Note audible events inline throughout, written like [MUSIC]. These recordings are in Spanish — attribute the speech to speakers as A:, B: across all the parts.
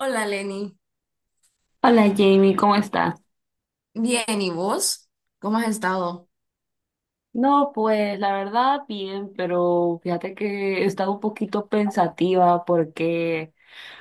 A: Hola Lenny,
B: Hola Jamie, ¿cómo estás?
A: bien, ¿y vos? ¿Cómo has estado?
B: No, pues la verdad bien, pero fíjate que he estado un poquito pensativa porque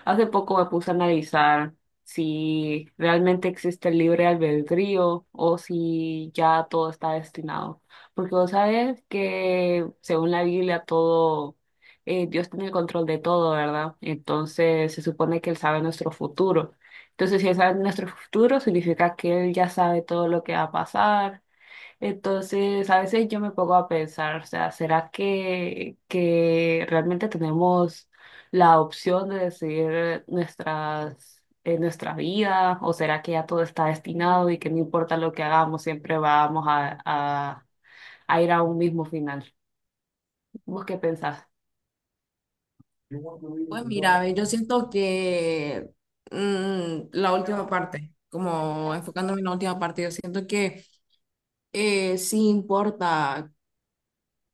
B: hace poco me puse a analizar si realmente existe el libre albedrío o si ya todo está destinado. Porque vos sabes que según la Biblia todo, Dios tiene el control de todo, ¿verdad? Entonces se supone que Él sabe nuestro futuro. Entonces si Él sabe nuestro futuro significa que Él ya sabe todo lo que va a pasar. Entonces, a veces yo me pongo a pensar, o sea, ¿será que realmente tenemos la opción de decidir nuestra vida? ¿O será que ya todo está destinado y que no importa lo que hagamos, siempre vamos a ir a un mismo final? ¿Vos qué pensás?
A: Pues mira, ve, yo siento que la última parte, como enfocándome en la última parte, yo siento que sí importa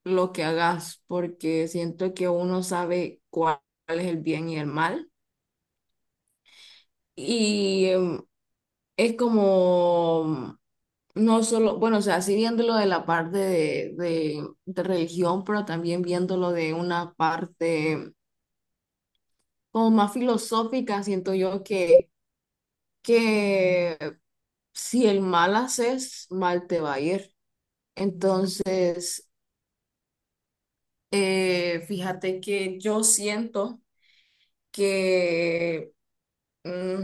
A: lo que hagas, porque siento que uno sabe cuál es el bien y el mal. Y es como, no solo, bueno, o sea, sí viéndolo de la parte de religión, pero también viéndolo de una parte como más filosófica, siento yo que si el mal haces, mal te va a ir. Entonces, fíjate que yo siento que mm,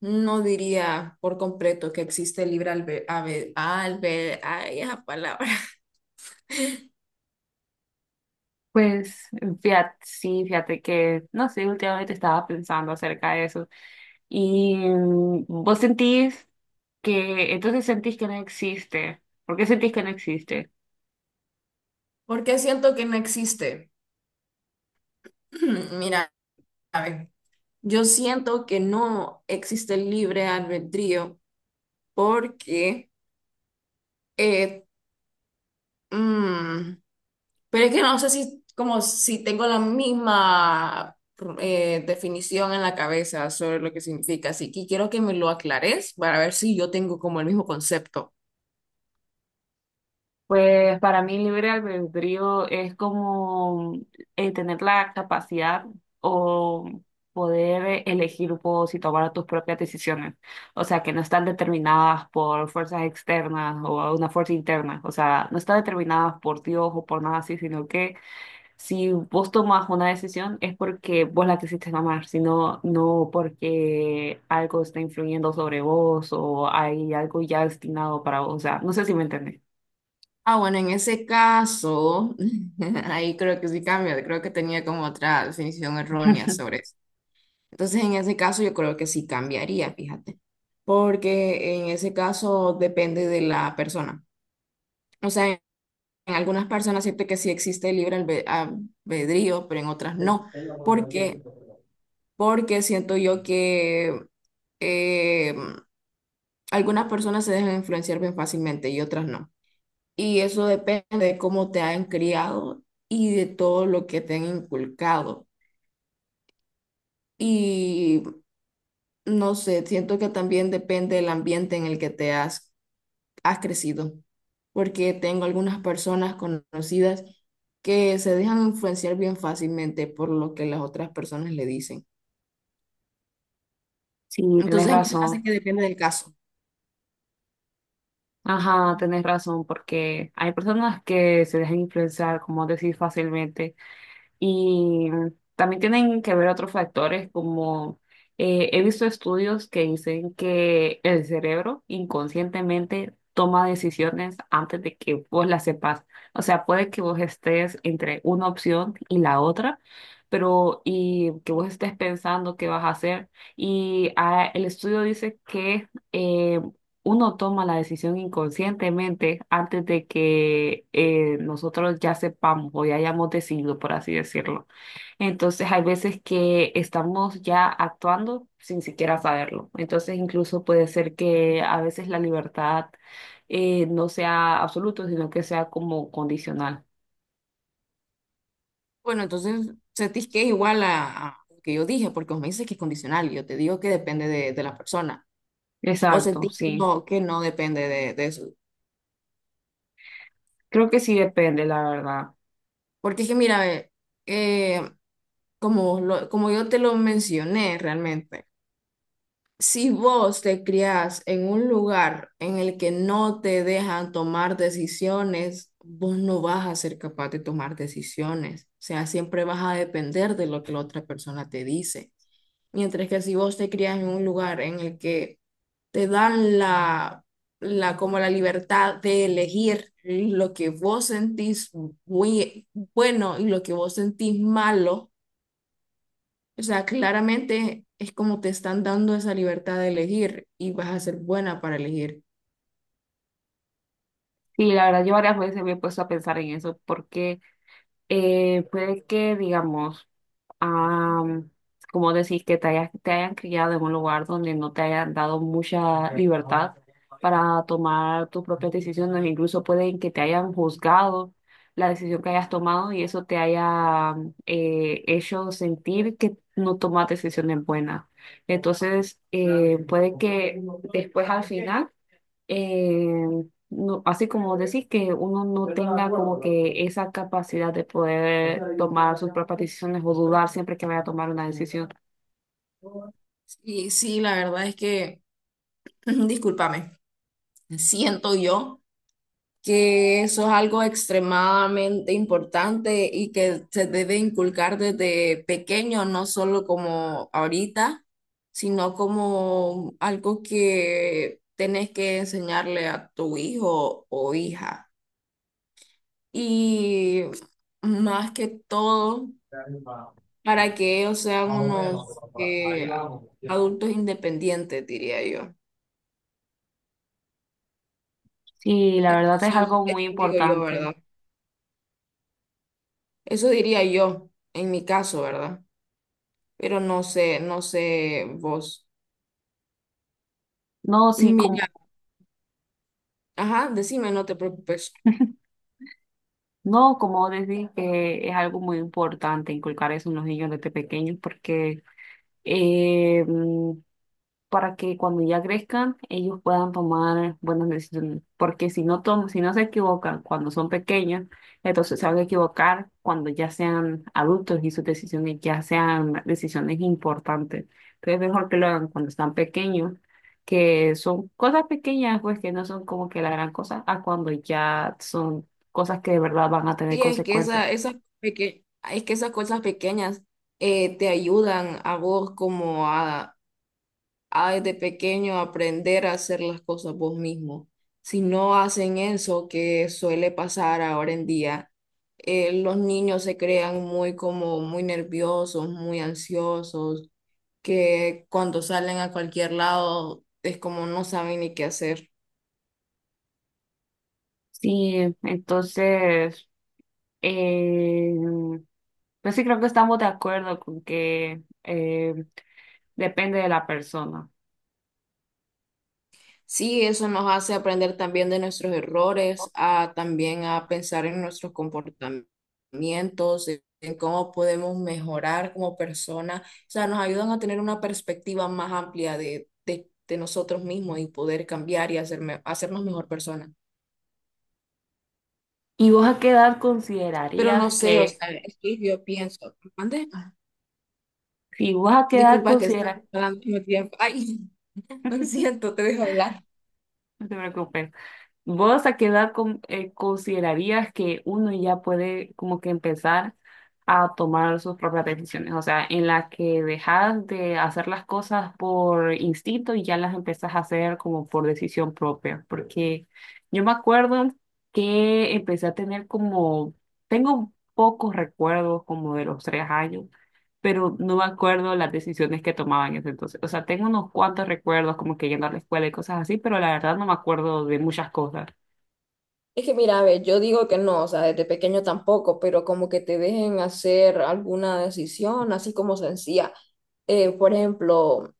A: no diría por completo que existe libre albedrío, ay, esa palabra, [LAUGHS]
B: Pues fíjate, sí, fíjate que, no sé, últimamente estaba pensando acerca de eso. Y vos sentís que, entonces sentís que no existe. ¿Por qué sentís que no existe?
A: porque siento que no existe. [CLEARS THROAT] Mira, a ver, yo siento que no existe libre albedrío porque... eh, Mm, pero es que no sé si, como si tengo la misma definición en la cabeza sobre lo que significa, así que quiero que me lo aclares para ver si yo tengo como el mismo concepto.
B: Pues para mí libre albedrío es como tener la capacidad o poder elegir vos y tomar tus propias decisiones. O sea, que no están determinadas por fuerzas externas o una fuerza interna. O sea, no están determinadas por Dios o por nada así, sino que si vos tomás una decisión es porque vos la quisiste tomar, sino no porque algo está influyendo sobre vos o hay algo ya destinado para vos. O sea, no sé si me entendés.
A: Ah, bueno, en ese caso, [LAUGHS] ahí creo que sí cambia, creo que tenía como otra definición errónea
B: [LAUGHS]
A: sobre. Entonces, en ese caso, yo creo que sí cambiaría, fíjate, porque en ese caso depende de la persona. O sea, en algunas personas siento que sí existe el albedrío, pero en otras no. ¿Por qué? Porque siento yo que eh, algunas personas se dejan influenciar bien fácilmente y otras no. Y eso depende de cómo te han criado y de todo lo que te han inculcado. Y no sé, siento que también depende del ambiente en el que te has crecido, porque tengo algunas personas conocidas que se dejan influenciar bien fácilmente por lo que las otras personas le dicen.
B: Sí, tenés
A: Entonces a mí se me
B: razón.
A: hace que depende del caso.
B: Ajá, tenés razón, porque hay personas que se dejan influenciar, como decir, fácilmente. Y también tienen que ver otros factores, como he visto estudios que dicen que el cerebro inconscientemente toma decisiones antes de que vos las sepas. O sea, puede que vos estés entre una opción y la otra, pero y que vos estés pensando qué vas a hacer. Y el estudio dice que uno toma la decisión inconscientemente antes de que nosotros ya sepamos o ya hayamos decidido, por así decirlo. Entonces hay veces que estamos ya actuando sin siquiera saberlo. Entonces incluso puede ser que a veces la libertad no sea absoluta, sino que sea como condicional.
A: Bueno, entonces sentís que es igual a lo que yo dije, porque vos me dices que es condicional, y yo te digo que depende de la persona, o
B: Exacto,
A: sentís
B: sí.
A: que no depende de eso.
B: Creo que sí depende, la verdad.
A: Porque es que mira, eh, como yo te lo mencioné realmente, si vos te criás en un lugar en el que no te dejan tomar decisiones, vos no vas a ser capaz de tomar decisiones. O sea, siempre vas a depender de lo que la otra persona te dice. Mientras que si vos te criás en un lugar en el que te dan la como la libertad de elegir lo que vos sentís bui- bueno y lo que vos sentís malo, o sea, claramente es como te están dando esa libertad de elegir y vas a ser buena para elegir.
B: Y la verdad, yo varias veces me he puesto a pensar en eso porque puede que, digamos, Ah, como decir que te hayan criado en un lugar donde no te hayan dado mucha libertad para tomar tus propias decisiones, incluso pueden que te hayan juzgado la decisión que hayas tomado y eso te haya hecho sentir que no tomas decisiones buenas. Entonces, puede que después al final, no, así como decir que uno no tenga como que esa capacidad de poder tomar sus propias decisiones o dudar siempre que vaya a tomar una decisión.
A: Y sí, la verdad es que, [CLEARS THROAT] discúlpame, siento yo que eso es algo extremadamente importante y que se debe inculcar desde pequeño, no solo como ahorita, sino como algo que tenés que enseñarle a tu hijo o hija. Y más que todo para que ellos sean unos adultos independientes, diría yo.
B: Sí, la verdad es
A: Entonces,
B: algo muy
A: eso digo yo,
B: importante.
A: ¿verdad? Eso diría yo, en mi caso, ¿verdad? Pero no sé, no sé vos.
B: No, sí, como,
A: Mira, ajá, decime, no te preocupes.
B: no, como decir que es algo muy importante inculcar eso en los niños desde pequeños porque, em, para que cuando ya crezcan ellos puedan tomar buenas decisiones. Porque si no se equivocan cuando son pequeños, entonces se van a equivocar cuando ya sean adultos y sus decisiones ya sean decisiones importantes. Entonces es mejor que lo hagan cuando están pequeños, que son cosas pequeñas, pues que no son como que la gran cosa, a cuando ya son cosas que de verdad van a tener
A: Sí, es que
B: consecuencias.
A: peque- es que esas cosas pequeñas te ayudan a vos como a hay de pequeño aprender a hacer las cosas vos mismo. Si no hacen eso que suele pasar ahora en día, los niños se crean muy como muy nerviosos, muy ansiosos, que cuando salen a cualquier lado es como no saben ni qué hacer.
B: Sí, entonces, eh, pero sí creo que estamos de acuerdo con que, depende de la persona.
A: Sí, eso nos hace aprender también de nuestros errores, a también a pensar en nuestros comportamientos, en cómo podemos mejorar como persona. O sea, nos ayudan a tener una perspectiva más amplia de nosotros mismos y poder cambiar y hacernos mejor persona.
B: ¿Y vos a qué edad
A: Pero no
B: considerarías
A: sé, o
B: que?
A: sea, es que yo pienso, ¿mande? Ah,
B: Si vos a qué edad
A: disculpa que está
B: consideras,
A: hablando al mismo tiempo. Ay, [LAUGHS] lo siento, te dejo hablar.
B: no te preocupes. ¿Vos a qué edad considerarías que uno ya puede como que empezar a tomar sus propias decisiones? O sea, en la que dejas de hacer las cosas por instinto y ya las empezás a hacer como por decisión propia. Porque yo me acuerdo que empecé a tener tengo pocos recuerdos como de los 3 años. Pero no me acuerdo las decisiones que tomaba en ese entonces. O sea, tengo unos cuantos recuerdos como que yendo a la escuela y cosas así, pero la verdad no me acuerdo de muchas cosas.
A: Es que mira, a ver, yo digo que no, o sea, desde pequeño tampoco, pero como que te dejen hacer alguna decisión, así como sencilla. Por ejemplo,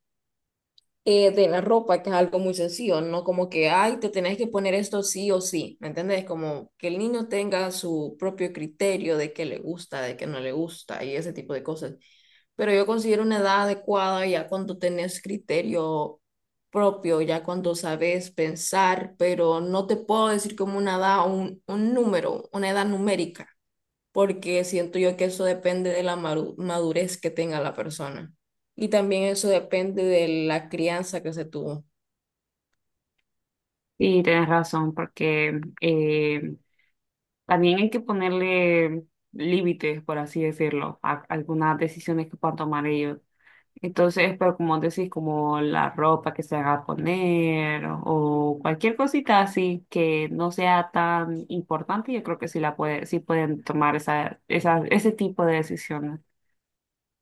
A: de la ropa, que es algo muy sencillo, ¿no? Como que, ay, te tenés que poner esto sí o sí, ¿me entendés? Como que el niño tenga su propio criterio de qué le gusta, de qué no le gusta y ese tipo de cosas. Pero yo considero una edad adecuada ya cuando tenés criterio propio, ya cuando sabes pensar, pero no te puedo decir como una edad, un número, una edad numérica, porque siento yo que eso depende de la madurez que tenga la persona. Y también eso depende de la crianza que se tuvo.
B: Sí, tienes razón, porque, también hay que ponerle límites, por así decirlo, a algunas decisiones que puedan tomar ellos. Entonces, pero como decís, como la ropa que se haga a poner o cualquier cosita así que no sea tan importante, yo creo que sí pueden tomar ese tipo de decisiones.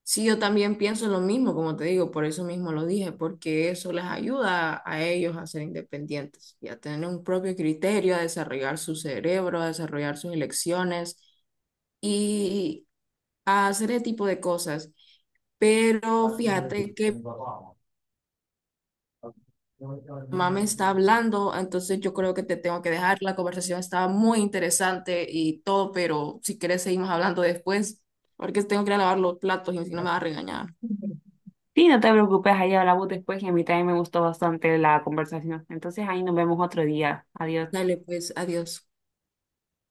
A: Sí, yo también pienso lo mismo, como te digo, por eso mismo lo dije, porque eso les ayuda a ellos a ser independientes y a tener un propio criterio, a desarrollar su cerebro, a desarrollar sus elecciones y a hacer ese tipo de cosas. Pero fíjate que mi mamá me está hablando, entonces yo creo que te tengo que dejar. La conversación estaba muy interesante y todo, pero si quieres seguimos hablando después, porque tengo que ir a lavar los platos y si no me va a regañar.
B: Sí, no te preocupes, ahí hablamos después y a mí también me gustó bastante la conversación. Entonces, ahí nos vemos otro día. Adiós.
A: Dale, pues, adiós.